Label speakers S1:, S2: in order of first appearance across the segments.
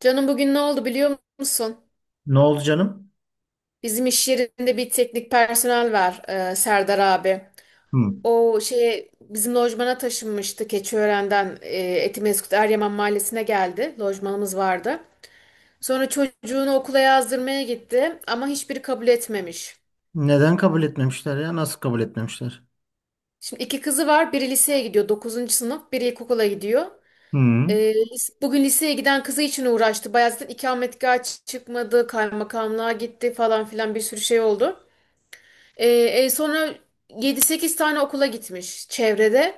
S1: Canım bugün ne oldu biliyor musun?
S2: Ne oldu canım?
S1: Bizim iş yerinde bir teknik personel var, Serdar abi.
S2: Hı.
S1: O şeye bizim lojmana taşınmıştı Keçiören'den Etimesgut Eryaman Mahallesi'ne geldi. Lojmanımız vardı. Sonra çocuğunu okula yazdırmaya gitti ama hiçbiri kabul etmemiş.
S2: Neden kabul etmemişler ya? Nasıl kabul etmemişler?
S1: Şimdi iki kızı var. Biri liseye gidiyor 9. sınıf, biri ilkokula gidiyor.
S2: Hı.
S1: Bugün liseye giden kızı için uğraştı. Bayağı zaten ikametgah çıkmadı, kaymakamlığa gitti falan filan bir sürü şey oldu. Ee, Sonra 7-8 tane okula gitmiş çevrede.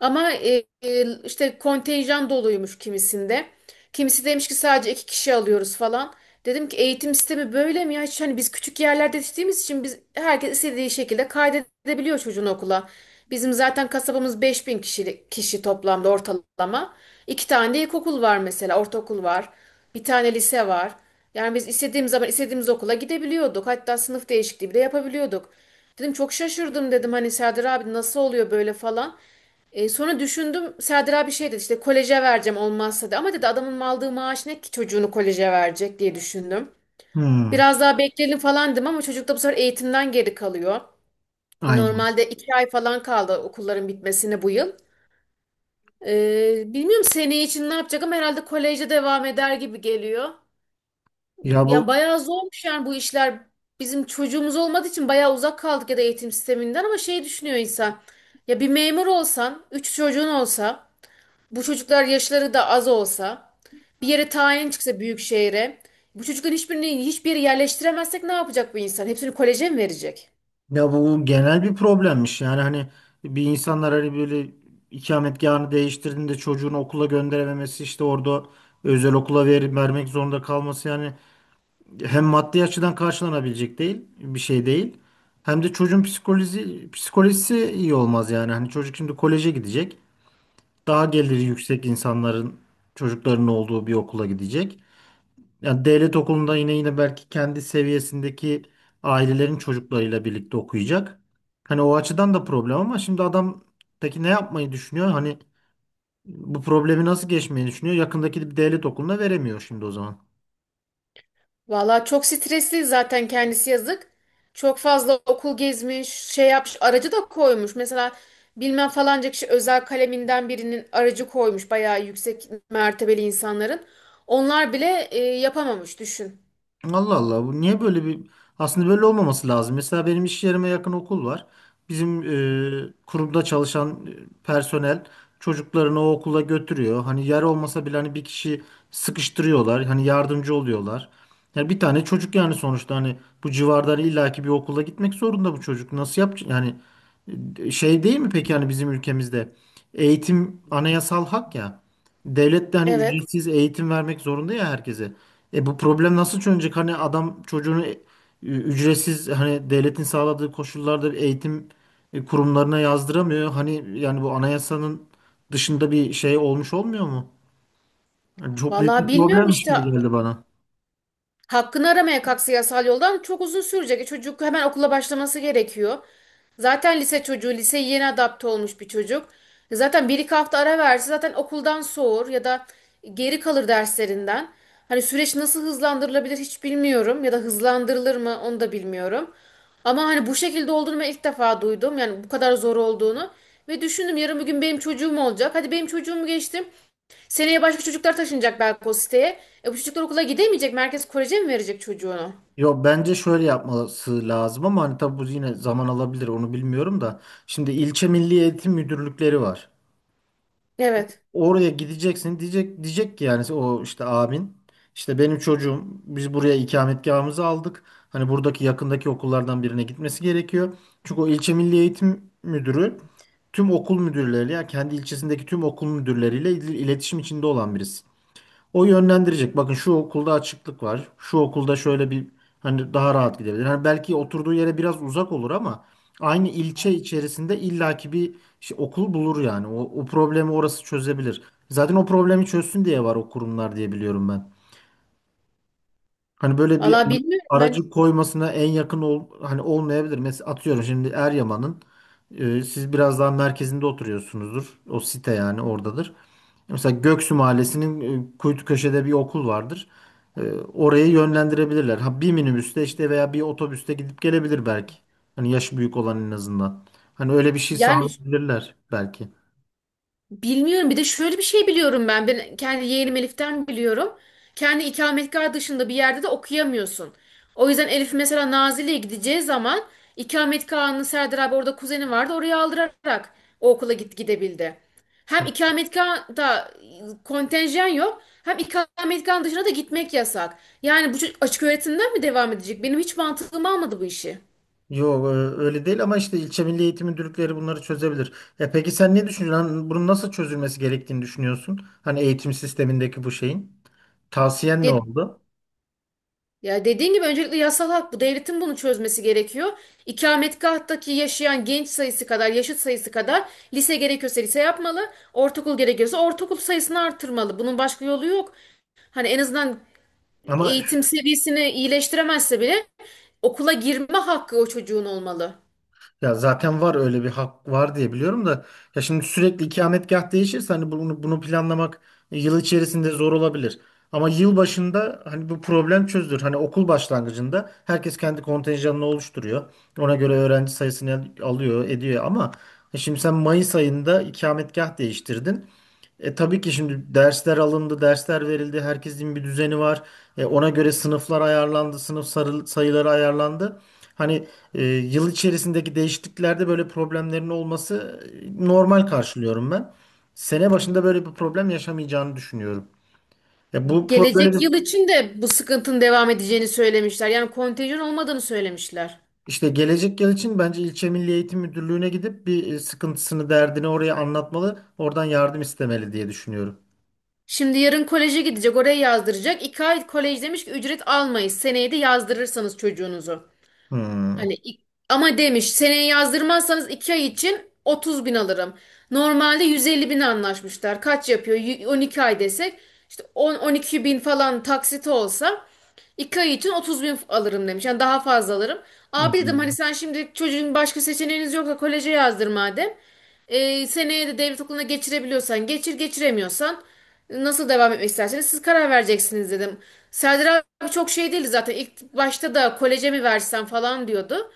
S1: Ama işte kontenjan doluymuş kimisinde. Kimisi demiş ki sadece iki kişi alıyoruz falan. Dedim ki eğitim sistemi böyle mi ya? Hiç hani biz küçük yerlerde yetiştiğimiz için biz herkes istediği şekilde kaydedebiliyor çocuğunu okula. Bizim zaten kasabamız 5.000 kişi toplamda ortalama. İki tane de ilkokul var mesela, ortaokul var. Bir tane lise var. Yani biz istediğimiz zaman istediğimiz okula gidebiliyorduk. Hatta sınıf değişikliği bile yapabiliyorduk. Dedim çok şaşırdım dedim hani Serdar abi nasıl oluyor böyle falan. E, sonra düşündüm Serdar abi şey dedi işte koleje vereceğim olmazsa da ama dedi adamın aldığı maaş ne ki çocuğunu koleje verecek diye düşündüm.
S2: Hmm,
S1: Biraz daha bekleyelim falan dedim ama çocuk da bu sefer eğitimden geri kalıyor.
S2: aynen.
S1: Normalde iki ay falan kaldı okulların bitmesine bu yıl. Bilmiyorum seneye için ne yapacak ama herhalde koleje devam eder gibi geliyor.
S2: Ya
S1: Ya
S2: bu
S1: bayağı zormuş yani bu işler. Bizim çocuğumuz olmadığı için bayağı uzak kaldık ya da eğitim sisteminden ama şey düşünüyor insan. Ya bir memur olsan, üç çocuğun olsa, bu çocuklar yaşları da az olsa, bir yere tayin çıksa büyük şehre, bu çocukların hiçbirini hiçbir yere yerleştiremezsek ne yapacak bu insan? Hepsini koleje mi verecek?
S2: ya bu genel bir problemmiş. Yani hani insanlar hani böyle ikametgahını değiştirdiğinde çocuğunu okula gönderememesi, işte orada özel okula ver, vermek zorunda kalması yani, hem maddi açıdan karşılanabilecek değil, bir şey değil. Hem de çocuğun psikolojisi iyi olmaz yani. Hani çocuk şimdi koleje gidecek, daha geliri yüksek insanların çocuklarının olduğu bir okula gidecek. Yani devlet okulunda yine belki kendi seviyesindeki ailelerin çocuklarıyla birlikte okuyacak. Hani o açıdan da problem, ama şimdi adam peki ne yapmayı düşünüyor? Hani bu problemi nasıl geçmeyi düşünüyor? Yakındaki bir devlet okuluna veremiyor şimdi o zaman.
S1: Valla çok stresli zaten kendisi yazık. Çok fazla okul gezmiş, şey yapmış, aracı da koymuş. Mesela bilmem falanca kişi özel kaleminden birinin aracı koymuş. Bayağı yüksek mertebeli insanların. Onlar bile yapamamış düşün.
S2: Allah Allah, bu niye böyle bir, aslında böyle olmaması lazım. Mesela benim iş yerime yakın okul var. Bizim kurumda çalışan personel çocuklarını o okula götürüyor. Hani yer olmasa bile hani bir kişi sıkıştırıyorlar. Hani yardımcı oluyorlar. Yani bir tane çocuk, yani sonuçta hani bu civardan illaki bir okula gitmek zorunda bu çocuk. Nasıl yapacak? Yani şey, değil mi peki, hani bizim ülkemizde eğitim anayasal hak ya. Devlet de hani
S1: Evet.
S2: ücretsiz eğitim vermek zorunda ya herkese. E bu problem nasıl çözülecek? Hani adam çocuğunu ücretsiz hani devletin sağladığı koşullarda bir eğitim kurumlarına yazdıramıyor. Hani yani bu anayasanın dışında bir şey olmuş olmuyor mu? Yani çok büyük
S1: Valla
S2: bir
S1: bilmiyorum
S2: problemmiş
S1: işte.
S2: gibi geldi bana.
S1: Hakkını aramaya kalksa yasal yoldan çok uzun sürecek. Çocuk hemen okula başlaması gerekiyor. Zaten lise çocuğu, liseye yeni adapte olmuş bir çocuk. Zaten bir iki hafta ara verse zaten okuldan soğur ya da geri kalır derslerinden. Hani süreç nasıl hızlandırılabilir hiç bilmiyorum ya da hızlandırılır mı onu da bilmiyorum. Ama hani bu şekilde olduğunu ben ilk defa duydum. Yani bu kadar zor olduğunu. Ve düşündüm yarın bir gün benim çocuğum olacak. Hadi benim çocuğumu geçtim. Seneye başka çocuklar taşınacak belki o siteye. Bu çocuklar okula gidemeyecek. Merkez Korece mi verecek çocuğunu?
S2: Yok, bence şöyle yapması lazım, ama hani tabii bu yine zaman alabilir, onu bilmiyorum da. Şimdi ilçe milli eğitim müdürlükleri var.
S1: Evet.
S2: Oraya gideceksin, diyecek ki yani, o işte abin, işte benim çocuğum, biz buraya ikametgahımızı aldık. Hani buradaki yakındaki okullardan birine gitmesi gerekiyor. Çünkü o ilçe milli eğitim müdürü tüm okul müdürleriyle, yani kendi ilçesindeki tüm okul müdürleriyle iletişim içinde olan birisi. O yönlendirecek. Bakın şu okulda açıklık var. Şu okulda şöyle bir, hani daha rahat gidebilir. Hani belki oturduğu yere biraz uzak olur ama aynı ilçe içerisinde illaki bir şey, okul bulur yani. O problemi orası çözebilir. Zaten o problemi çözsün diye var o kurumlar diye biliyorum ben. Hani böyle bir
S1: Valla bilmiyorum ben.
S2: aracı koymasına en yakın hani olmayabilir. Mesela atıyorum şimdi Eryaman'ın siz biraz daha merkezinde oturuyorsunuzdur. O site yani oradadır. Mesela Göksu Mahallesi'nin kuytu köşede bir okul vardır. Orayı yönlendirebilirler. Ha, bir minibüste işte veya bir otobüste gidip gelebilir belki. Hani yaşı büyük olan en azından. Hani öyle bir şey
S1: Yani
S2: sağlayabilirler belki.
S1: bilmiyorum. Bir de şöyle bir şey biliyorum ben. Ben kendi yeğenim Elif'ten biliyorum. Kendi ikametgah dışında bir yerde de okuyamıyorsun. O yüzden Elif mesela Nazilli'ye gideceği zaman ikametgahını Serdar abi orada kuzeni vardı oraya aldırarak o okula gidebildi. Hem ikametgahda kontenjan yok hem ikametgahın dışına da gitmek yasak. Yani bu çocuk açık öğretimden mi devam edecek? Benim hiç mantığım almadı bu işi.
S2: Yok öyle değil, ama işte ilçe milli eğitim müdürlükleri bunları çözebilir. E peki sen ne düşünüyorsun? Hani bunun nasıl çözülmesi gerektiğini düşünüyorsun? Hani eğitim sistemindeki bu şeyin. Tavsiyen ne oldu?
S1: Ya dediğin gibi öncelikle yasal hak bu. Devletin bunu çözmesi gerekiyor. İkametgahtaki yaşayan genç sayısı kadar, yaşıt sayısı kadar lise gerekiyorsa lise yapmalı. Ortaokul gerekiyorsa ortaokul sayısını artırmalı. Bunun başka yolu yok. Hani en azından
S2: Ama
S1: eğitim seviyesini iyileştiremezse bile okula girme hakkı o çocuğun olmalı.
S2: ya zaten var, öyle bir hak var diye biliyorum da, ya şimdi sürekli ikametgah değişirse hani bunu planlamak yıl içerisinde zor olabilir. Ama yıl başında hani bu problem çözülür. Hani okul başlangıcında herkes kendi kontenjanını oluşturuyor. Ona göre öğrenci sayısını alıyor, ediyor, ama şimdi sen Mayıs ayında ikametgah değiştirdin. E, tabii ki şimdi dersler alındı, dersler verildi, herkesin bir düzeni var. E, ona göre sınıflar ayarlandı, sayıları ayarlandı. Hani yıl içerisindeki değişikliklerde böyle problemlerin olması normal karşılıyorum ben. Sene başında böyle bir problem yaşamayacağını düşünüyorum. E, bu böyle
S1: Gelecek
S2: bir,
S1: yıl için de bu sıkıntının devam edeceğini söylemişler. Yani kontenjan olmadığını söylemişler.
S2: işte gelecek yıl için bence ilçe Milli Eğitim Müdürlüğü'ne gidip bir sıkıntısını, derdini oraya anlatmalı, oradan yardım istemeli diye düşünüyorum.
S1: Şimdi yarın koleje gidecek, oraya yazdıracak. İki ay kolej demiş ki ücret almayız. Seneye de yazdırırsanız çocuğunuzu. Hani
S2: Hmm.
S1: ama demiş seneye yazdırmazsanız 2 ay için 30 bin alırım. Normalde 150 bin anlaşmışlar. Kaç yapıyor? 12 ay desek işte 10-12 bin falan taksit olsa 2 ay için 30 bin alırım demiş. Yani daha fazla alırım. Abi dedim hani
S2: Hmm.
S1: sen şimdi çocuğun başka seçeneğiniz yoksa koleje yazdır madem. E, seneye de devlet okuluna geçirebiliyorsan geçir, geçiremiyorsan nasıl devam etmek isterseniz siz karar vereceksiniz dedim. Serdar abi çok şey değildi zaten. İlk başta da koleje mi versen falan diyordu.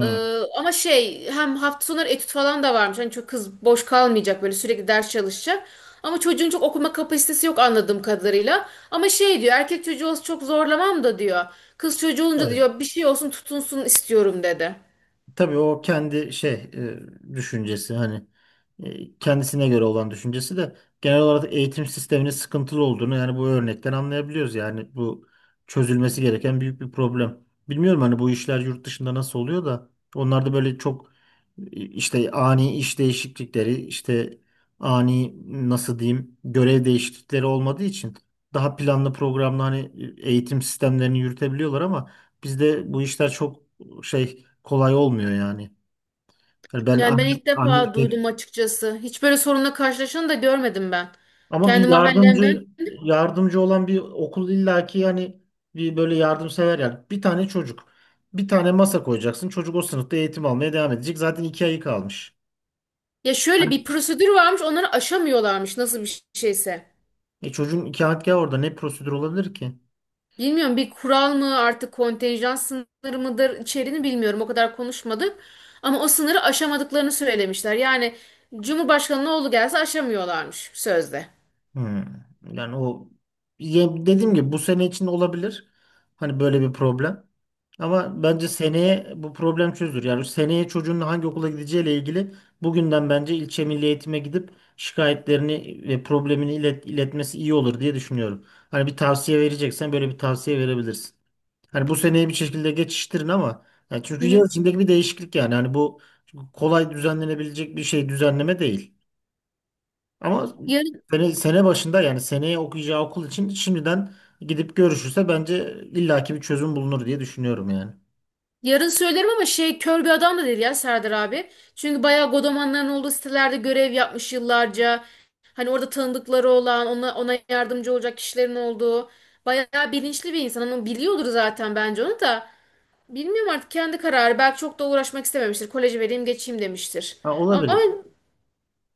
S1: Ee, Ama şey hem hafta sonları etüt falan da varmış. Hani çok kız boş kalmayacak böyle sürekli ders çalışacak. Ama çocuğun çok okuma kapasitesi yok anladığım kadarıyla. Ama şey diyor erkek çocuğu olsa çok zorlamam da diyor. Kız çocuğu olunca diyor bir şey olsun tutunsun istiyorum dedi.
S2: Tabii o kendi şey düşüncesi, hani kendisine göre olan düşüncesi de, genel olarak eğitim sisteminin sıkıntılı olduğunu yani bu örnekten anlayabiliyoruz. Yani bu çözülmesi gereken büyük bir problem. Bilmiyorum hani bu işler yurt dışında nasıl oluyor da, onlarda böyle çok işte ani iş değişiklikleri, işte ani, nasıl diyeyim, görev değişiklikleri olmadığı için daha planlı programlı hani eğitim sistemlerini yürütebiliyorlar, ama bizde bu işler çok şey, kolay olmuyor yani. Yani ben
S1: Yani ben
S2: annem,
S1: ilk
S2: annem
S1: defa duydum açıkçası. Hiç böyle sorunla karşılaşanı da görmedim ben.
S2: ama
S1: Kendi
S2: bir
S1: mahallemden.
S2: yardımcı olan bir okul illaki yani, bir böyle yardımsever, yani bir tane çocuk, bir tane masa koyacaksın, çocuk o sınıfta eğitim almaya devam edecek, zaten iki ayı kalmış.
S1: Ya şöyle
S2: Hani,
S1: bir prosedür varmış onları aşamıyorlarmış nasıl bir şeyse.
S2: e çocuğun ikametgahı orada, ne prosedür olabilir ki?
S1: Bilmiyorum bir kural mı artık kontenjan sınırı mıdır içeriğini bilmiyorum o kadar konuşmadık. Ama o sınırı aşamadıklarını söylemişler. Yani Cumhurbaşkanı'nın oğlu gelse aşamıyorlarmış sözde.
S2: Hmm. Yani o, ya dediğim gibi bu sene için olabilir. Hani böyle bir problem. Ama bence seneye bu problem çözülür. Yani seneye çocuğun hangi okula gideceğiyle ilgili bugünden bence ilçe milli eğitime gidip şikayetlerini ve problemini iletmesi iyi olur diye düşünüyorum. Hani bir tavsiye vereceksen böyle bir tavsiye verebilirsin. Hani bu seneye bir şekilde geçiştirin, ama yani çünkü
S1: Hı
S2: yıl içindeki bir değişiklik yani. Hani bu kolay düzenlenebilecek bir şey, düzenleme değil. Ama
S1: hı.
S2: sene başında, yani seneye okuyacağı okul için şimdiden gidip görüşürse bence illaki bir çözüm bulunur diye düşünüyorum yani.
S1: Yarın söylerim ama şey kör bir adam da değil ya Serdar abi. Çünkü bayağı godomanların olduğu sitelerde görev yapmış yıllarca. Hani orada tanıdıkları olan, ona yardımcı olacak kişilerin olduğu. Bayağı bilinçli bir insan. Hani onu biliyordur zaten bence onu da. Bilmiyorum artık kendi kararı. Belki çok da uğraşmak istememiştir. Koleji vereyim geçeyim demiştir.
S2: Ha,
S1: Ama
S2: olabilir.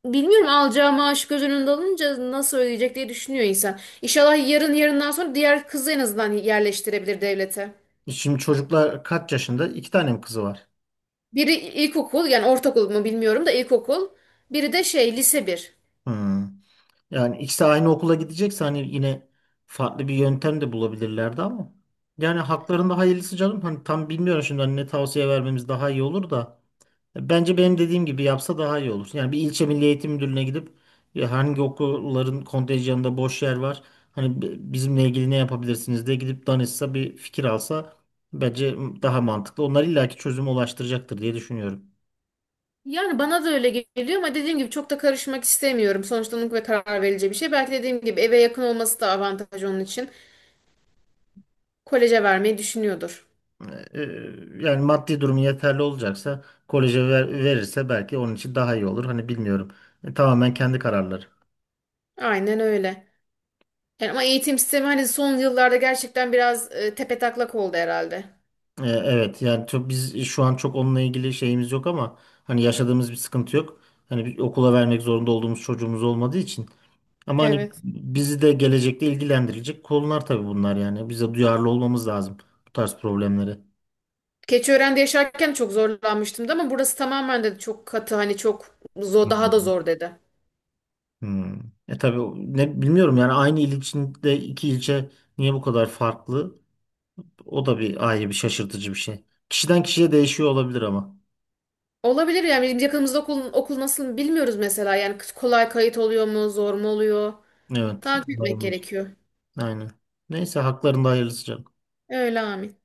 S1: bilmiyorum alacağı maaş göz önünde alınca nasıl ödeyecek diye düşünüyor insan. İnşallah yarın yarından sonra diğer kızı en azından yerleştirebilir devlete.
S2: Şimdi çocuklar kaç yaşında? İki tane mi kızı var?
S1: Biri ilkokul yani ortaokul mu bilmiyorum da ilkokul. Biri de şey lise bir.
S2: Hmm. Yani ikisi aynı okula gidecekse hani yine farklı bir yöntem de bulabilirlerdi ama. Yani haklarında hayırlısı canım. Hani tam bilmiyorum şimdi hani ne tavsiye vermemiz daha iyi olur da. Bence benim dediğim gibi yapsa daha iyi olur. Yani bir ilçe Milli Eğitim Müdürlüğü'ne gidip, ya hangi okulların kontenjanında boş yer var? Hani bizimle ilgili ne yapabilirsiniz diye gidip danışsa, bir fikir alsa bence daha mantıklı. Onlar illaki çözüme ulaştıracaktır diye düşünüyorum.
S1: Yani bana da öyle geliyor ama dediğim gibi çok da karışmak istemiyorum. Sonuçta onun ve karar verici bir şey. Belki dediğim gibi eve yakın olması da avantaj onun için. Koleje vermeyi düşünüyordur.
S2: E, yani maddi durumu yeterli olacaksa koleje verirse belki onun için daha iyi olur. Hani bilmiyorum. E, tamamen kendi kararları.
S1: Aynen öyle. Yani ama eğitim sistemi hani son yıllarda gerçekten biraz tepetaklak oldu herhalde.
S2: E, evet yani çok, biz şu an çok onunla ilgili şeyimiz yok, ama hani yaşadığımız bir sıkıntı yok. Hani bir okula vermek zorunda olduğumuz çocuğumuz olmadığı için. Ama hani
S1: Evet.
S2: bizi de gelecekte ilgilendirecek konular tabii bunlar yani. Bize duyarlı olmamız lazım bu tarz problemlere.
S1: Keçiören'de yaşarken çok zorlanmıştım da ama burası tamamen de çok katı hani çok zor, daha da
S2: Hmm.
S1: zor dedi.
S2: Hmm. E tabii ne bilmiyorum yani, aynı il içinde iki ilçe niye bu kadar farklı? O da bir ayrı bir şaşırtıcı bir şey. Kişiden kişiye değişiyor olabilir ama.
S1: Olabilir yani bizim yakınımızda okul nasıl bilmiyoruz mesela. Yani kolay kayıt oluyor mu, zor mu oluyor?
S2: Evet.
S1: Takip etmek
S2: Doğru.
S1: gerekiyor.
S2: Aynen. Neyse haklarında hayırlısı canım.
S1: Öyle Ahmet.